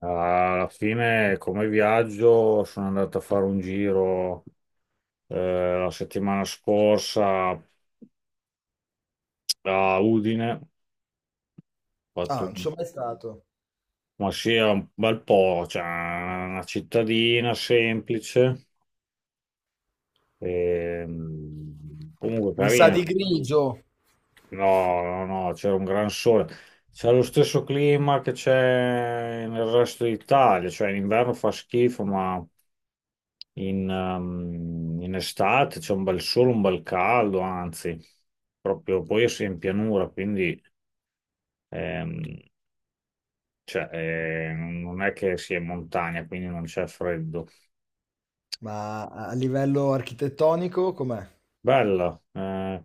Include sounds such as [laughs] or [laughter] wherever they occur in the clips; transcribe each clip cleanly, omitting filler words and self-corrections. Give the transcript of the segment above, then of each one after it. Alla fine, come viaggio, sono andato a fare un giro la settimana scorsa a Udine. Fatto Ah, non ci un- sono mai stato. ma sì, è un bel po', cioè una cittadina semplice comunque Mi sa carina. di grigio, No, no, no, c'era un gran sole. C'è lo stesso clima che c'è nel resto d'Italia, cioè in inverno fa schifo, ma in estate c'è un bel sole, un bel caldo, anzi, proprio poi io sono in pianura, quindi ehm, non è che sia in montagna, quindi non c'è freddo. ma a livello architettonico com'è? Bella,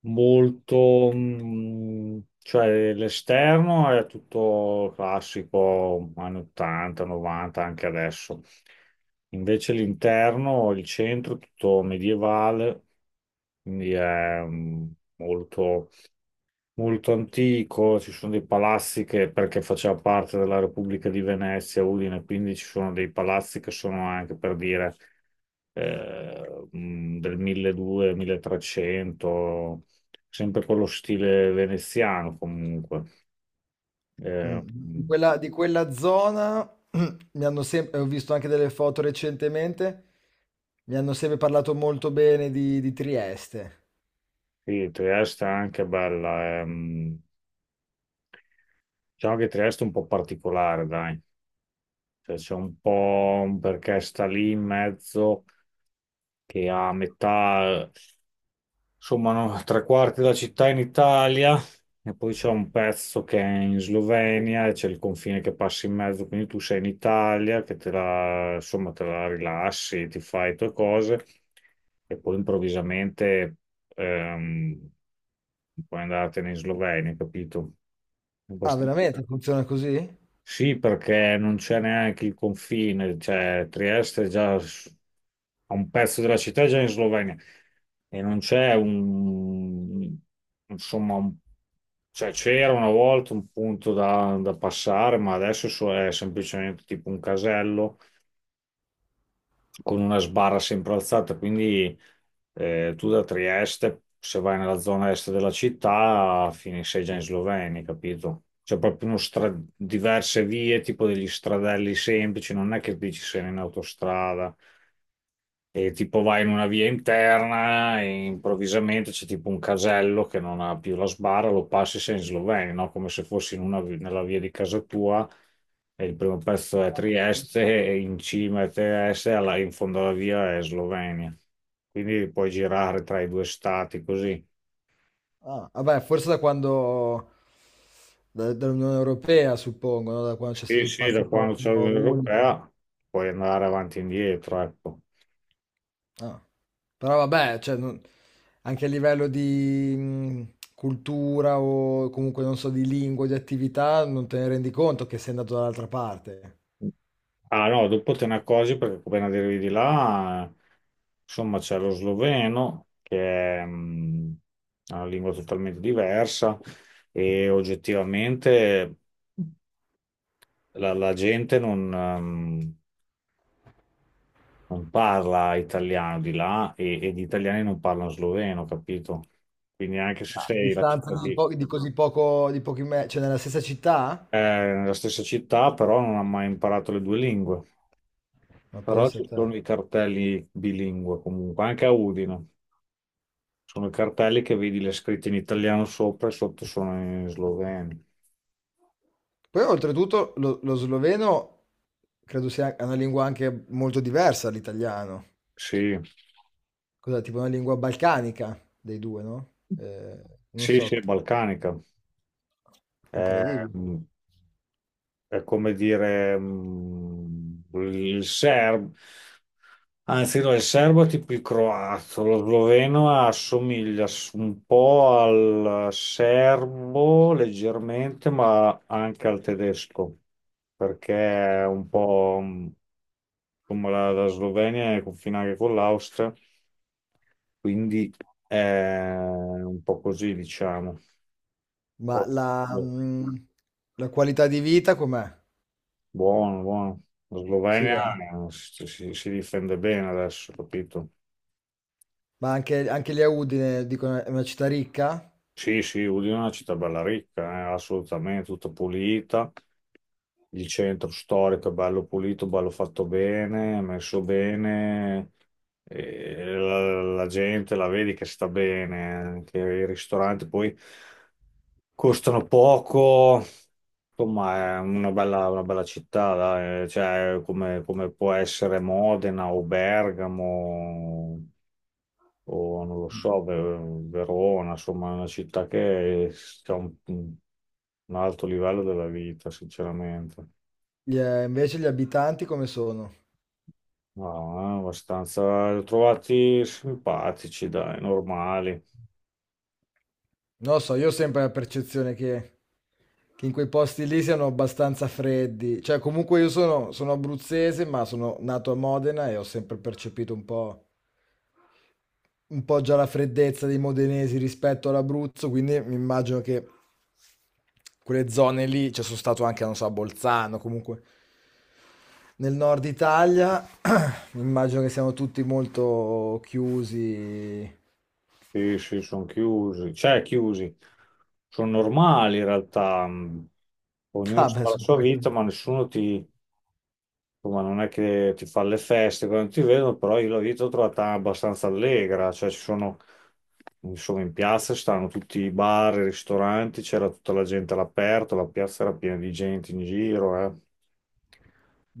cioè l'esterno è tutto classico, anni 80, 90, anche adesso. Invece l'interno, il centro, è tutto medievale, quindi è mm, molto molto antico, ci sono dei palazzi che, perché faceva parte della Repubblica di Venezia, Udine, quindi ci sono dei palazzi che sono anche per dire del 1200-1300, sempre con lo stile veneziano comunque. Mh, Eh, mh, di quella zona [clears throat] mi hanno sem ho visto anche delle foto recentemente, mi hanno sempre parlato molto bene di Trieste. sì, Trieste è anche bella, diciamo che Trieste è un po' particolare, dai. Cioè, c'è un po' un perché sta lì in mezzo che ha a metà. Insomma, no, [laughs] tre quarti della città in Italia e poi c'è un pezzo che è in Slovenia e c'è il confine che passa in mezzo, quindi tu sei in Italia che te la, insomma, te la rilassi, ti fai le tue cose e poi improvvisamente ehm, puoi andartene in Slovenia, capito? È Ah, abbastanza. veramente funziona così? Sì, perché non c'è neanche il confine, cioè Trieste è già s- a un pezzo della città è già in Slovenia e non c'è insomma, un- cioè c'era una volta un punto da, da passare, ma adesso è semplicemente tipo un casello con una sbarra sempre alzata, quindi tu da Trieste, se vai nella zona est della città, finisci già in Slovenia, capito? C'è proprio diverse vie, tipo degli stradelli semplici, non è che dici sei in autostrada. E tipo vai in una via interna e improvvisamente c'è tipo un casello che non ha più la sbarra, lo passi sei in Slovenia, no? Come se fossi in una nella via di casa tua e il primo pezzo è Trieste e in cima è Trieste e in fondo alla via è Slovenia. Quindi puoi girare tra i due stati così. Ah, vabbè, forse da quando da dall'Unione Europea suppongo, no, da quando c'è Sì, stato il sì, da quando passaporto c'è l'Unione unico. Europea puoi andare avanti e indietro, ecco. Ah. Però vabbè, cioè, non- anche a livello di cultura o comunque non so, di lingua, di attività, non te ne rendi conto che sei andato dall'altra parte. Ah no, dopo te ne accorgi perché appena arrivi di là, insomma, c'è lo sloveno, che è una lingua totalmente diversa e oggettivamente la gente non parla italiano di là e gli italiani non parlano sloveno, capito? Quindi anche se A sei distanza di, po- di così poco, di pochi metri, cioè nella stessa città? Nella stessa città, però non ha mai imparato le due lingue. Ma Però pensa a ci te. sono i cartelli bilingue comunque, anche a Udine. Sono i cartelli che vedi le scritte in italiano sopra e sotto sono in sloveno. Poi oltretutto lo sloveno credo sia una lingua anche molto diversa dall'italiano. Sì, Cos'è? Tipo una lingua balcanica dei due, no? Non sì, sì, so, è balcanica. È, incredibile. mm, è come dire il serbo, anzi no, il serbo è tipo il croato, lo sloveno assomiglia un po' al serbo leggermente, ma anche al tedesco, perché è un po' come la Slovenia è confina anche con l'Austria. Quindi è un po' così, diciamo. Poi, Ma la boh. La qualità di vita com'è? Buono, buono. La Sì, Slovenia eh? Si difende bene adesso, capito? Ma anche anche lì a Udine dicono è una città ricca? Sì, sì, Udine è una città bella ricca, assolutamente, tutta pulita. Il centro storico è bello pulito, bello fatto bene, messo bene. E la gente la vedi che sta bene, anche i ristoranti poi. Costano poco, insomma, è una bella città, dai. Cioè, come può essere Modena o Bergamo o non lo so, Verona, insomma, è una città che ha un alto livello della vita, sinceramente. Gli invece gli abitanti come sono? No, abbastanza li ho trovati simpatici, dai, normali. Non lo so, io ho sempre la percezione che in quei posti lì siano abbastanza freddi. Cioè comunque io sono abruzzese, ma sono nato a Modena e ho sempre percepito un po' già la freddezza dei modenesi rispetto all'Abruzzo, quindi mi immagino che quelle zone lì, cioè sono stato anche, non so, a Bolzano, comunque nel nord Italia, mi immagino che siamo tutti molto chiusi. Sì, sì, sono chiusi, cioè chiusi, sono normali in realtà, ognuno Ah, beh, fa la su sua quello. vita, ma nessuno ti, ma non è che ti fa le feste quando ti vedono, però io la vita l'ho trovata abbastanza allegra, cioè ci sono, insomma, in piazza stanno tutti i bar, i ristoranti, c'era tutta la gente all'aperto, la piazza era piena di gente in giro, eh.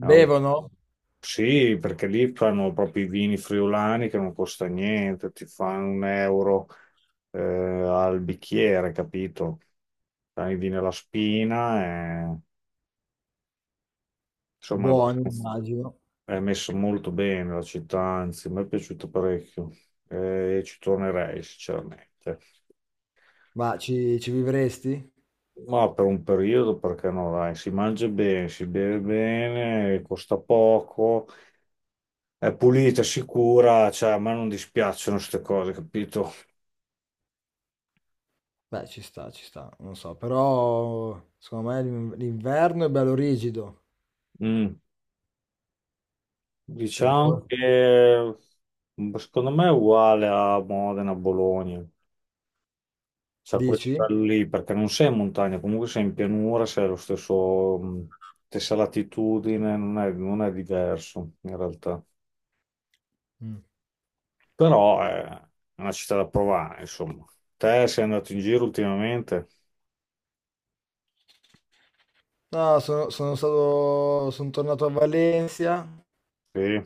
Era un- Sì, perché lì fanno proprio i vini friulani che non costa niente, ti fanno 1 euro al bicchiere, capito? Fai i vini alla spina. Insomma, è Buoni, abbastanza- immagino. è messa molto bene la città, anzi, mi è piaciuto parecchio e ci tornerei sinceramente. Ma ci vivresti? Ma per un periodo, perché no, dai, si mangia bene, si beve bene, costa poco, è pulita, sicura, cioè a me non dispiacciono queste cose, capito? Beh, ci sta, non so, però secondo me l'in- l'inverno è bello rigido. Mm. Cioè, Diciamo for- che secondo me è uguale a Modena, Bologna. Cioè, a quel dici? livello lì, perché non sei in montagna, comunque sei in pianura, sei allo stessa latitudine, non è diverso in realtà. Mm. Però è una città da provare, insomma. Te sei andato in giro ultimamente? No, sono stato, sono tornato a Valencia, Sì.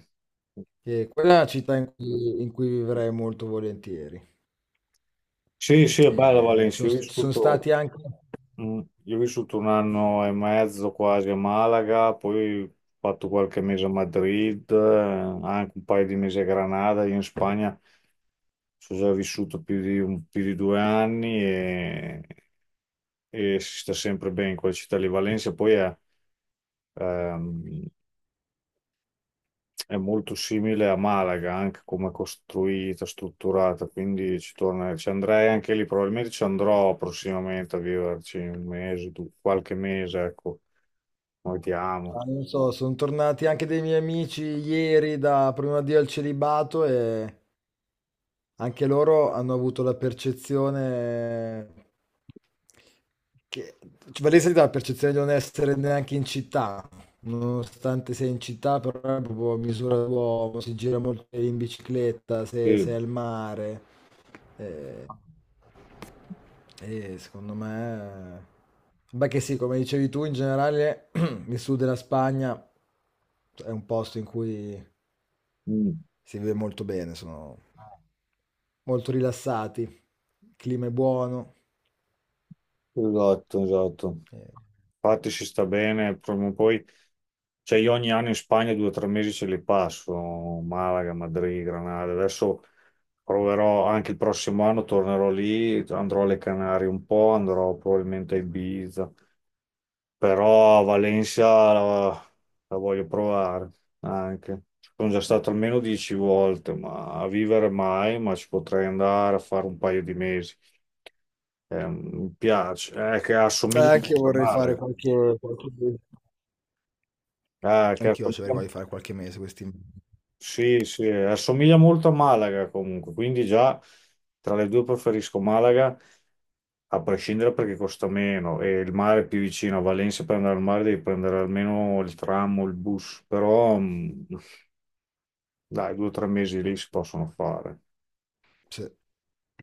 che quella è una città in cui vivrei molto volentieri. Sì, sì, è bella Valencia, io ho Ci sono vissuto. stati anche, Mm. Io ho vissuto 1 anno e mezzo quasi a Malaga, poi ho fatto qualche mese a Madrid, anche un paio di mesi a Granada, io in Spagna non so se ho vissuto più di 2 anni e si sta sempre bene in quella città lì. Valencia poi ehm, è molto simile a Malaga, anche come è costruita, strutturata, quindi ci andrei anche lì, probabilmente ci andrò prossimamente a viverci un mese, qualche mese, ecco. Noi ti amo. ah, non so, sono tornati anche dei miei amici ieri da prima di al celibato e anche loro hanno avuto la percezione che cioè, Varese dà la percezione di non essere neanche in città, nonostante sei in città, però è proprio a misura d'uomo, si gira molto in bicicletta, se sei Sì. al mare. Eh, e secondo me... beh che sì, come dicevi tu, in generale [clears throat] il sud della Spagna è un posto in cui Mm. si vive molto bene, sono molto rilassati, il clima è buono. Esatto, esatto. Ehm, Infatti ci sta bene, prima o poi, cioè io ogni anno in Spagna 2 o 3 mesi ce li passo, Malaga, Madrid, Granada. Adesso proverò anche il prossimo anno, tornerò lì, andrò alle Canarie un po', andrò probabilmente a Ibiza, però a Valencia la, la voglio provare anche. Sono già stato almeno 10 volte, ma a vivere mai, ma ci potrei andare a fare un paio di mesi. Mi piace, che assomiglia Anche io molto a vorrei fare Malaga. qualche mese. Eh, che Anch'io ci avrei assomiglia- voglia di fare qualche mese questi. Sì, sì, assomiglia molto a Malaga comunque, quindi già tra le due preferisco Malaga, a prescindere perché costa meno e il mare è più vicino. A Valencia per andare al mare devi prendere almeno il tram o il bus, però dai, 2 o 3 mesi lì si possono fare. Sì.